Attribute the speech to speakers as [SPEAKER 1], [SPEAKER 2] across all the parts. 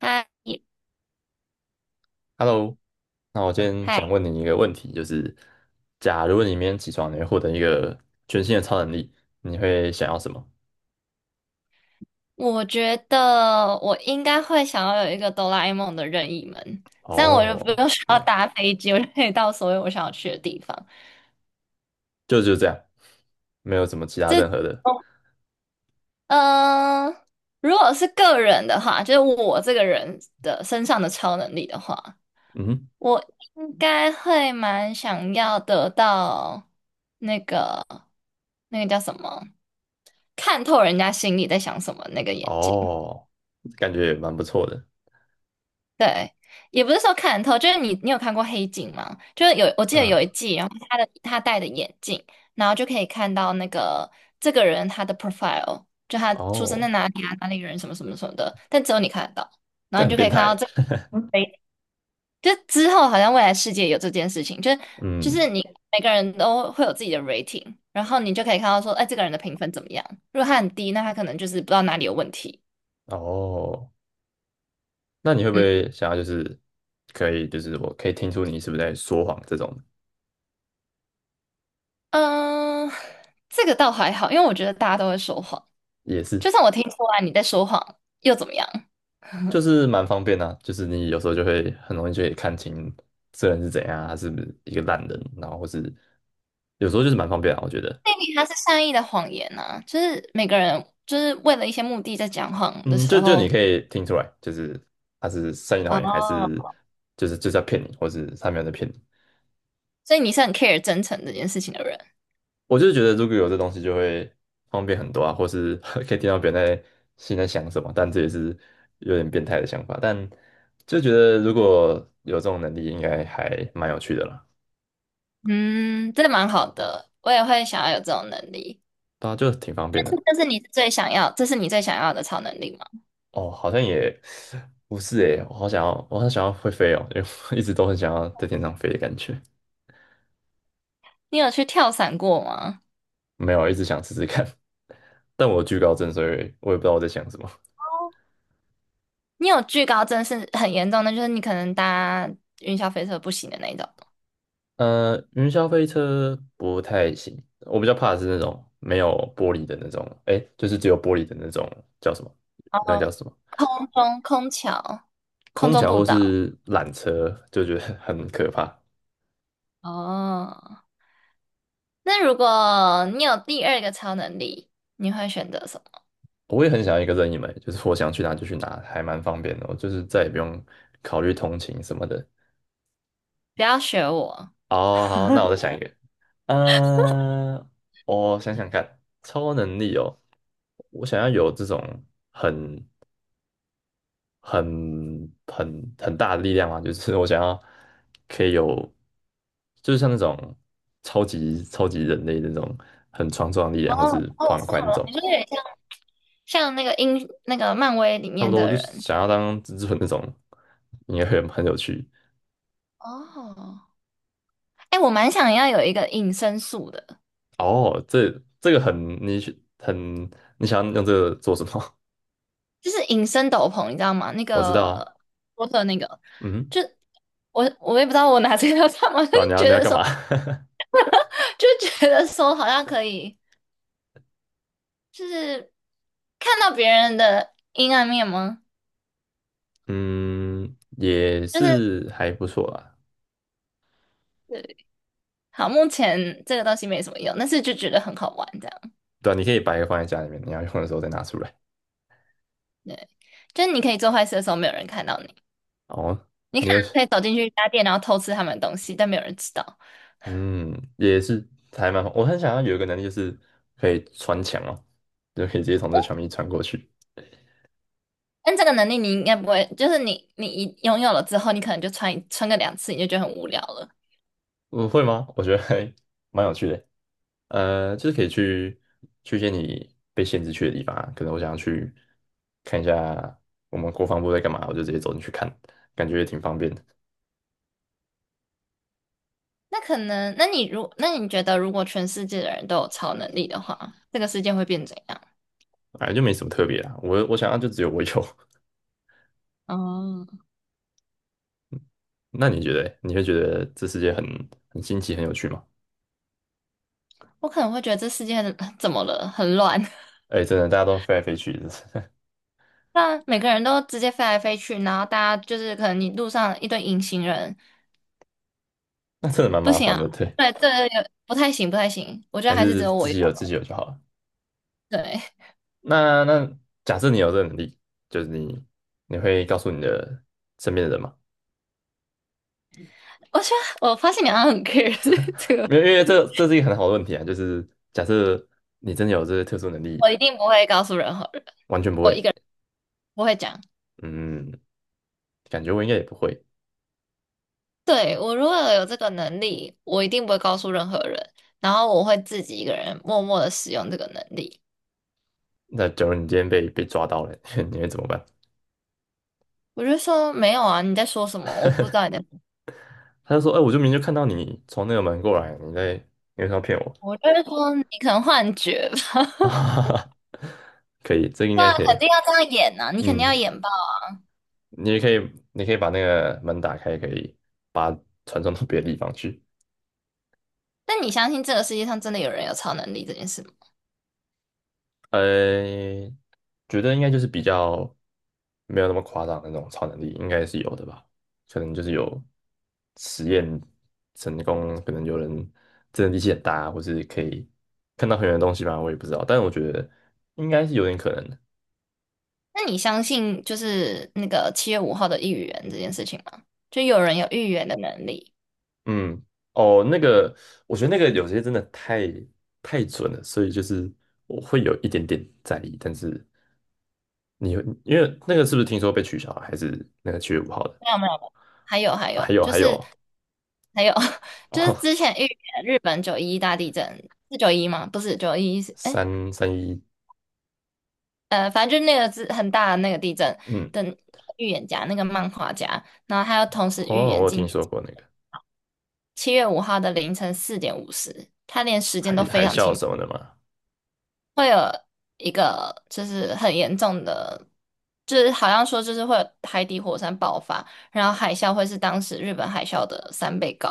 [SPEAKER 1] 嗨
[SPEAKER 2] Hello，那我今天
[SPEAKER 1] 嗨，
[SPEAKER 2] 想问你一个问题，就是假如你明天起床，你会获得一个全新的超能力，你会想要什么？
[SPEAKER 1] 我觉得我应该会想要有一个哆啦 A 梦的任意门，这样我就不
[SPEAKER 2] 哦，
[SPEAKER 1] 用 需要
[SPEAKER 2] 对，
[SPEAKER 1] 搭飞机，我就可以到所有我想要去的地方。
[SPEAKER 2] 就这样，没有什么其他
[SPEAKER 1] 这，
[SPEAKER 2] 任何的。
[SPEAKER 1] 嗯、呃如果是个人的话，就是我这个人的身上的超能力的话，
[SPEAKER 2] 嗯哼。
[SPEAKER 1] 我应该会蛮想要得到那个那个叫什么，看透人家心里在想什么那个眼睛。
[SPEAKER 2] 哦，感觉也蛮不错的。
[SPEAKER 1] 对，也不是说看透，就是你有看过《黑镜》吗？就是有，我记得
[SPEAKER 2] 嗯。
[SPEAKER 1] 有一季，然后他戴的眼镜，然后就可以看到那个这个人他的 profile，就他出生在
[SPEAKER 2] 哦，
[SPEAKER 1] 哪里啊，哪里人什么什么什么的，但只有你看得到，然
[SPEAKER 2] 这
[SPEAKER 1] 后你
[SPEAKER 2] 很
[SPEAKER 1] 就可
[SPEAKER 2] 变
[SPEAKER 1] 以看
[SPEAKER 2] 态
[SPEAKER 1] 到这，
[SPEAKER 2] 欸。
[SPEAKER 1] 诶就之后好像未来世界有这件事情，就是
[SPEAKER 2] 嗯。
[SPEAKER 1] 你每个人都会有自己的 rating，然后你就可以看到说，哎，这个人的评分怎么样？如果他很低，那他可能就是不知道哪里有问题。
[SPEAKER 2] 哦，那你会不
[SPEAKER 1] 嗯
[SPEAKER 2] 会想要就是可以就是我可以听出你是不是在说谎这种？
[SPEAKER 1] 嗯，这个倒还好，因为我觉得大家都会说谎。
[SPEAKER 2] 也是，
[SPEAKER 1] 就算我听出来你在说谎，又怎么样？
[SPEAKER 2] 就是蛮方便的啊，就是你有时候就会很容易就可以看清这人是怎样啊，他是不是一个烂人，然后或是有时候就是蛮方便啊，我觉得。
[SPEAKER 1] 那里它是善意的谎言啊。就是每个人就是为了一些目的在讲谎的
[SPEAKER 2] 嗯，
[SPEAKER 1] 时
[SPEAKER 2] 就你
[SPEAKER 1] 候，
[SPEAKER 2] 可以听出来，就是他是善意的谎言，还是
[SPEAKER 1] 哦，
[SPEAKER 2] 就是要骗你，或是他没有在骗你。
[SPEAKER 1] 所以你是很 care 真诚这件事情的人，
[SPEAKER 2] 我就是觉得如果有这东西就会方便很多啊，或是 可以听到别人在心里在想什么，但这也是有点变态的想法，但就觉得如果有这种能力，应该还蛮有趣的啦。
[SPEAKER 1] 嗯，真的蛮好的，我也会想要有这种能力。
[SPEAKER 2] 对啊，就挺方
[SPEAKER 1] 但
[SPEAKER 2] 便
[SPEAKER 1] 是，
[SPEAKER 2] 的。
[SPEAKER 1] 但是你最想要，这是你最想要的超能力吗？
[SPEAKER 2] 哦，好像也不是诶，我好想要，会飞哦，因为我一直都很想要在天上飞的感觉。
[SPEAKER 1] 你有去跳伞过吗？
[SPEAKER 2] 没有，一直想试试看，但我有惧高症，所以我也不知道我在想什么。
[SPEAKER 1] 你有惧高症是很严重的，就是你可能搭云霄飞车不行的那一种，
[SPEAKER 2] 云霄飞车不太行，我比较怕的是那种没有玻璃的那种，诶，就是只有玻璃的那种叫什么？那个
[SPEAKER 1] 哦，
[SPEAKER 2] 叫什么？
[SPEAKER 1] 空中空桥、空
[SPEAKER 2] 空
[SPEAKER 1] 中
[SPEAKER 2] 桥
[SPEAKER 1] 步
[SPEAKER 2] 或
[SPEAKER 1] 道，
[SPEAKER 2] 是缆车，就觉得很可怕。
[SPEAKER 1] 哦。那如果你有第二个超能力，你会选择什么？
[SPEAKER 2] 我也很想要一个任意门，就是我想去哪就去哪，还蛮方便的。我就是再也不用考虑通勤什么的。
[SPEAKER 1] 不要学我。
[SPEAKER 2] 哦，好，那我再想一个。呃，我想想看，超能力哦，我想要有这种很、很大的力量啊，就是我想要可以有，就是像那种超级超级人类那种很强壮的力
[SPEAKER 1] 哦
[SPEAKER 2] 量，或是
[SPEAKER 1] 哦，
[SPEAKER 2] 跑很快
[SPEAKER 1] 是吗？
[SPEAKER 2] 那种。
[SPEAKER 1] 你说有点像像那个英那个漫威里
[SPEAKER 2] 差不
[SPEAKER 1] 面
[SPEAKER 2] 多
[SPEAKER 1] 的
[SPEAKER 2] 就是
[SPEAKER 1] 人
[SPEAKER 2] 想要当蜘蛛人那种，应该会很有趣。
[SPEAKER 1] 哦。哎，我蛮想要有一个隐身术的，
[SPEAKER 2] 哦，这个很你很你想要用这个做什么？
[SPEAKER 1] 就是隐身斗篷，你知道吗？那
[SPEAKER 2] 我知道啊。
[SPEAKER 1] 个波特那个，
[SPEAKER 2] 嗯。
[SPEAKER 1] 就我也不知道我拿这个要干嘛，就是
[SPEAKER 2] 对啊，你要
[SPEAKER 1] 觉
[SPEAKER 2] 你要
[SPEAKER 1] 得
[SPEAKER 2] 干
[SPEAKER 1] 说
[SPEAKER 2] 嘛？
[SPEAKER 1] 就觉得说好像可以，就是看到别人的阴暗面吗？
[SPEAKER 2] 嗯，也
[SPEAKER 1] 就是。
[SPEAKER 2] 是还不错啦。
[SPEAKER 1] 好，目前这个东西没什么用，但是就觉得很好玩，这样。
[SPEAKER 2] 对啊，你可以把一个放在家里面，你要用的时候再拿出来。
[SPEAKER 1] 对，就是你可以做坏事的时候，没有人看到你。
[SPEAKER 2] 哦，
[SPEAKER 1] 你可
[SPEAKER 2] 你有，
[SPEAKER 1] 能可以走进去一家店，然后偷吃他们的东西，但没有人知道。
[SPEAKER 2] 嗯，也是还蛮好。我很想要有一个能力，就是可以穿墙哦，就可以直接从这墙壁穿过去。
[SPEAKER 1] 但这个能力你应该不会，就是你一拥有了之后，你可能就穿一穿个两次，你就觉得很无聊了。
[SPEAKER 2] 我会吗？我觉得还蛮有趣的。就是可以去一些你被限制去的地方啊，可能我想要去看一下我们国防部在干嘛，我就直接走进去看，感觉也挺方便的。
[SPEAKER 1] 那可能，那你觉得，如果全世界的人都有超能力的话，这个世界会变怎样？
[SPEAKER 2] 哎，就没什么特别啊。我想要就只有我有。
[SPEAKER 1] 哦，
[SPEAKER 2] 那你觉得欸你会觉得这世界很新奇、很有趣吗？
[SPEAKER 1] 我可能会觉得这世界很 怎么了，很乱。
[SPEAKER 2] 哎，真的，大家都飞来飞去，
[SPEAKER 1] 那每个人都直接飞来飞去，然后大家就是可能你路上一堆隐形人，
[SPEAKER 2] 那真的蛮
[SPEAKER 1] 不
[SPEAKER 2] 麻
[SPEAKER 1] 行
[SPEAKER 2] 烦的。
[SPEAKER 1] 啊，
[SPEAKER 2] 对，
[SPEAKER 1] 对对对有不太行，不太行。我觉得
[SPEAKER 2] 还
[SPEAKER 1] 还是只
[SPEAKER 2] 是
[SPEAKER 1] 有
[SPEAKER 2] 自
[SPEAKER 1] 我有
[SPEAKER 2] 己有自己有就好了。
[SPEAKER 1] 对，
[SPEAKER 2] 那假设你有这个能力，就是你会告诉你的身边的人吗？
[SPEAKER 1] 我觉得我发现你好像很 care 这个，
[SPEAKER 2] 没有，因为这是一个很好的问题啊。就是假设你真的有这些特殊能力，
[SPEAKER 1] 我一定不会告诉任何人，
[SPEAKER 2] 完全不会。
[SPEAKER 1] 不会讲。
[SPEAKER 2] 嗯，感觉我应该也不会。
[SPEAKER 1] 对，我如果有这个能力，我一定不会告诉任何人，然后我会自己一个人默默的使用这个能力。
[SPEAKER 2] 那假如你今天被抓到了，你会怎么办？
[SPEAKER 1] 我就说没有啊，你在说什么？我不知道你在说什
[SPEAKER 2] 他就说："哎、我就明明就看到你从那个门过来，你为什么要骗我？"
[SPEAKER 1] 么我就是说你可能幻觉吧，
[SPEAKER 2] 哈 哈，可以，这个应
[SPEAKER 1] 对
[SPEAKER 2] 该
[SPEAKER 1] 啊，
[SPEAKER 2] 可以。
[SPEAKER 1] 肯定要这样演呐、啊，你肯定
[SPEAKER 2] 嗯，
[SPEAKER 1] 要演爆。
[SPEAKER 2] 你也可以，你可以把那个门打开，可以把它传送到别的地方去。
[SPEAKER 1] 但你相信这个世界上真的有人有超能力这件事吗？
[SPEAKER 2] 呃，觉得应该就是比较没有那么夸张的那种超能力，应该是有的吧？可能就是有实验成功，可能有人真的力气很大，或是可以看到很远的东西吧，我也不知道。但我觉得应该是有点可能的。
[SPEAKER 1] 那你相信就是那个七月五号的预言这件事情吗？就有人有预言的能力？
[SPEAKER 2] 嗯。哦，那个，我觉得那个有些真的太准了，所以就是我会有一点点在意。但是你会因为那个是不是听说被取消了，还是那个7月5号的？啊，
[SPEAKER 1] 没有没有，没有还有还
[SPEAKER 2] 还
[SPEAKER 1] 有
[SPEAKER 2] 有
[SPEAKER 1] 就
[SPEAKER 2] 还
[SPEAKER 1] 是
[SPEAKER 2] 有
[SPEAKER 1] 还有 就是之前预言日本911大地震是九一吗？不是九一是哎
[SPEAKER 2] 331。
[SPEAKER 1] 呃，反正就那个是很大的那个地震
[SPEAKER 2] 嗯。
[SPEAKER 1] 的预言家，那个漫画家，然后他又同时预
[SPEAKER 2] 哦，我
[SPEAKER 1] 言
[SPEAKER 2] 有
[SPEAKER 1] 今
[SPEAKER 2] 听
[SPEAKER 1] 年
[SPEAKER 2] 说过那个
[SPEAKER 1] 七月五号的凌晨4:50，他连时间
[SPEAKER 2] 海
[SPEAKER 1] 都非
[SPEAKER 2] 海
[SPEAKER 1] 常
[SPEAKER 2] 啸
[SPEAKER 1] 清。
[SPEAKER 2] 什么的嘛。
[SPEAKER 1] 会有一个就是很严重的，就是好像说就是会有海底火山爆发，然后海啸会是当时日本海啸的3倍高。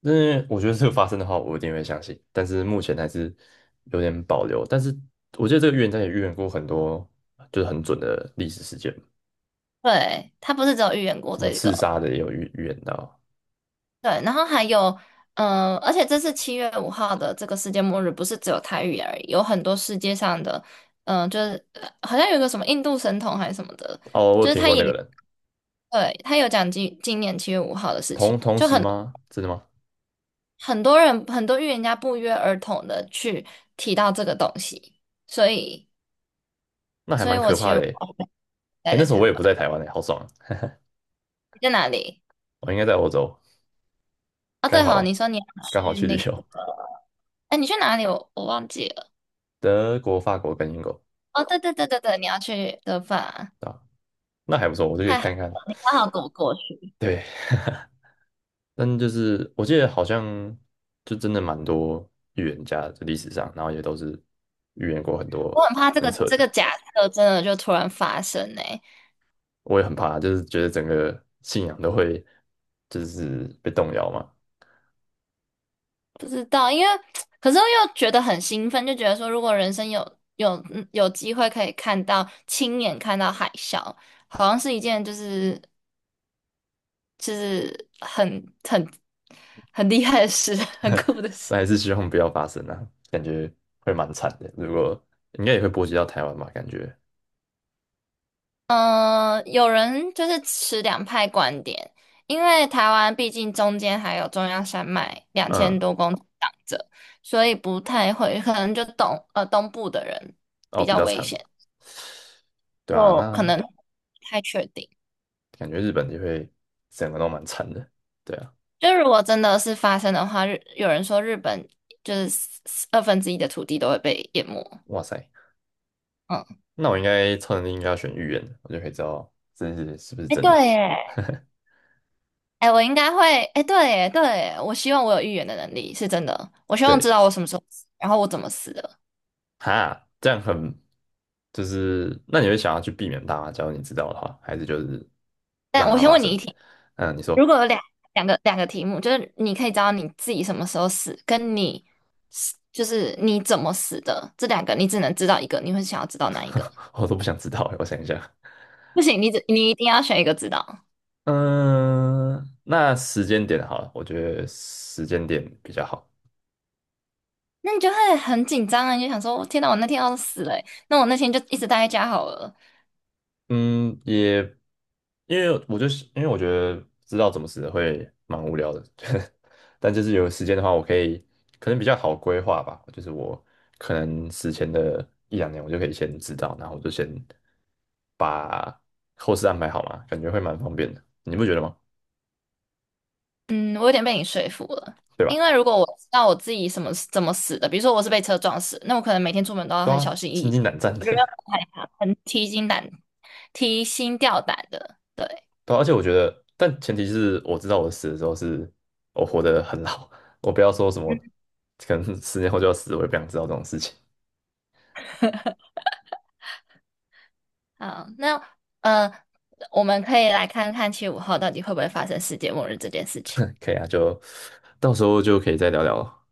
[SPEAKER 2] 那我觉得这个发生的话，我一定会相信，但是目前还是有点保留，但是我觉得这个预言家也预言过很多，就是很准的历史事件，
[SPEAKER 1] 对，他不是只有预言过
[SPEAKER 2] 什么
[SPEAKER 1] 这
[SPEAKER 2] 刺
[SPEAKER 1] 个，
[SPEAKER 2] 杀的也有预言到。
[SPEAKER 1] 对，然后还有，而且这次七月五号的这个世界末日，不是只有它预言而已，有很多世界上的，好像有一个什么印度神童还是什么的，
[SPEAKER 2] 哦，我有
[SPEAKER 1] 就是
[SPEAKER 2] 听
[SPEAKER 1] 他
[SPEAKER 2] 过
[SPEAKER 1] 也
[SPEAKER 2] 那个人。
[SPEAKER 1] 对他有讲今年七月五号的事情，
[SPEAKER 2] 同同
[SPEAKER 1] 就
[SPEAKER 2] 时
[SPEAKER 1] 很。
[SPEAKER 2] 吗？真的吗？
[SPEAKER 1] 很多人很多预言家不约而同的去提到这个东西，所以，
[SPEAKER 2] 那还
[SPEAKER 1] 所以
[SPEAKER 2] 蛮
[SPEAKER 1] 我
[SPEAKER 2] 可
[SPEAKER 1] 其
[SPEAKER 2] 怕
[SPEAKER 1] 实
[SPEAKER 2] 的欸诶。
[SPEAKER 1] 我待
[SPEAKER 2] 哎，那
[SPEAKER 1] 在
[SPEAKER 2] 时候
[SPEAKER 1] 台
[SPEAKER 2] 我也不在
[SPEAKER 1] 湾，
[SPEAKER 2] 台湾诶，好爽啊！
[SPEAKER 1] 你在哪里？
[SPEAKER 2] 我应该在欧洲，
[SPEAKER 1] 哦，
[SPEAKER 2] 刚
[SPEAKER 1] 对
[SPEAKER 2] 好
[SPEAKER 1] 吼，
[SPEAKER 2] 啊，
[SPEAKER 1] 你说你要
[SPEAKER 2] 刚好
[SPEAKER 1] 去
[SPEAKER 2] 去旅
[SPEAKER 1] 那个，
[SPEAKER 2] 游，
[SPEAKER 1] 哎，你去哪里？我忘记了。
[SPEAKER 2] 德国、法国跟英国
[SPEAKER 1] 哦，对对对对对，你要去德法，
[SPEAKER 2] 啊，那还不错，我就可以
[SPEAKER 1] 还
[SPEAKER 2] 看看。
[SPEAKER 1] 刚好跟我过去。
[SPEAKER 2] 对，但就是我记得好像就真的蛮多预言家的历史上，然后也都是预言过很
[SPEAKER 1] 我
[SPEAKER 2] 多
[SPEAKER 1] 很怕这
[SPEAKER 2] 很
[SPEAKER 1] 个
[SPEAKER 2] 扯
[SPEAKER 1] 这个
[SPEAKER 2] 的。
[SPEAKER 1] 假设真的就突然发生呢、
[SPEAKER 2] 我也很怕，就是觉得整个信仰都会就是被动摇嘛。
[SPEAKER 1] 不知道，因为 可是又觉得很兴奋，就觉得说如果人生有机会可以看到亲眼看到海啸，好像是一件就是就是很厉害的事，很酷的
[SPEAKER 2] 但
[SPEAKER 1] 事。
[SPEAKER 2] 还是希望不要发生啊，感觉会蛮惨的。如果应该也会波及到台湾吧，感觉，
[SPEAKER 1] 有人就是持两派观点，因为台湾毕竟中间还有中央山脉两千
[SPEAKER 2] 嗯。
[SPEAKER 1] 多公里挡着，所以不太会，可能就东部的人
[SPEAKER 2] 哦，
[SPEAKER 1] 比
[SPEAKER 2] 比
[SPEAKER 1] 较
[SPEAKER 2] 较
[SPEAKER 1] 危
[SPEAKER 2] 惨。
[SPEAKER 1] 险，
[SPEAKER 2] 对啊，
[SPEAKER 1] 就可
[SPEAKER 2] 那
[SPEAKER 1] 能不太确定。
[SPEAKER 2] 感觉日本就会整个都蛮惨的。对啊。
[SPEAKER 1] 就如果真的是发生的话，有人说日本就是1/42的土地都会被淹没。
[SPEAKER 2] 哇塞，
[SPEAKER 1] 嗯，
[SPEAKER 2] 那我应该超能力应该要选预言的，我就可以知道这是不是
[SPEAKER 1] 哎，
[SPEAKER 2] 真的。
[SPEAKER 1] 对耶，哎，我应该会，哎，对耶，对耶，我希望我有预言的能力，是真的。我希望知
[SPEAKER 2] 对。
[SPEAKER 1] 道我什么时候死，然后我怎么死的。
[SPEAKER 2] 哈，这样很就是，那你会想要去避免它吗？假如你知道的话，还是就是让
[SPEAKER 1] 但我
[SPEAKER 2] 它
[SPEAKER 1] 先
[SPEAKER 2] 发
[SPEAKER 1] 问你
[SPEAKER 2] 生？
[SPEAKER 1] 一题，
[SPEAKER 2] 嗯，你
[SPEAKER 1] 如
[SPEAKER 2] 说。
[SPEAKER 1] 果有两个题目，就是你可以知道你自己什么时候死，跟你就是你怎么死的，这两个你只能知道一个，你会想要知道哪一个？
[SPEAKER 2] 我都不想知道欸，我想一下。
[SPEAKER 1] 不行，你一定要选一个知道，
[SPEAKER 2] 嗯，那时间点好了，我觉得时间点比较好。
[SPEAKER 1] 那你就会很紧张啊，你就想说，天哪，我那天要是死了耶那我那天就一直待在家好了。
[SPEAKER 2] 嗯，也因为我觉得知道怎么死会蛮无聊的，但就是有时间的话，我可能比较好规划吧。就是我可能死前的一两年，我就可以先知道，然后我就先把后事安排好嘛，感觉会蛮方便的。你不觉得吗？
[SPEAKER 1] 嗯，我有点被你说服了，
[SPEAKER 2] 对吧？
[SPEAKER 1] 因为如果我知道我自己怎么死的，比如说我是被车撞死，那我可能每天出门都要
[SPEAKER 2] 都
[SPEAKER 1] 很小
[SPEAKER 2] 要
[SPEAKER 1] 心翼
[SPEAKER 2] 心
[SPEAKER 1] 翼，
[SPEAKER 2] 惊胆战
[SPEAKER 1] 我觉得
[SPEAKER 2] 的。
[SPEAKER 1] 很害怕，很提心胆、提心吊胆的。对，
[SPEAKER 2] 对啊，而且我觉得，但前提是我知道我死的时候是我活得很老，我不要说什么可能10年后就要死，我也不想知道这种事情。
[SPEAKER 1] 好，那呃，我们可以来看看7/5号到底会不会发生世界末日这件事情。
[SPEAKER 2] 可以啊，就到时候就可以再聊聊了，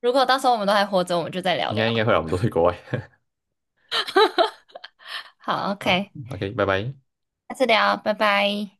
[SPEAKER 1] 如果到时候我们都还活着，我们就再聊
[SPEAKER 2] 应
[SPEAKER 1] 聊。
[SPEAKER 2] 该应该会啊，我们都去国外。
[SPEAKER 1] 好
[SPEAKER 2] 好
[SPEAKER 1] ，OK，
[SPEAKER 2] ，OK，拜拜。
[SPEAKER 1] 下次聊，拜拜。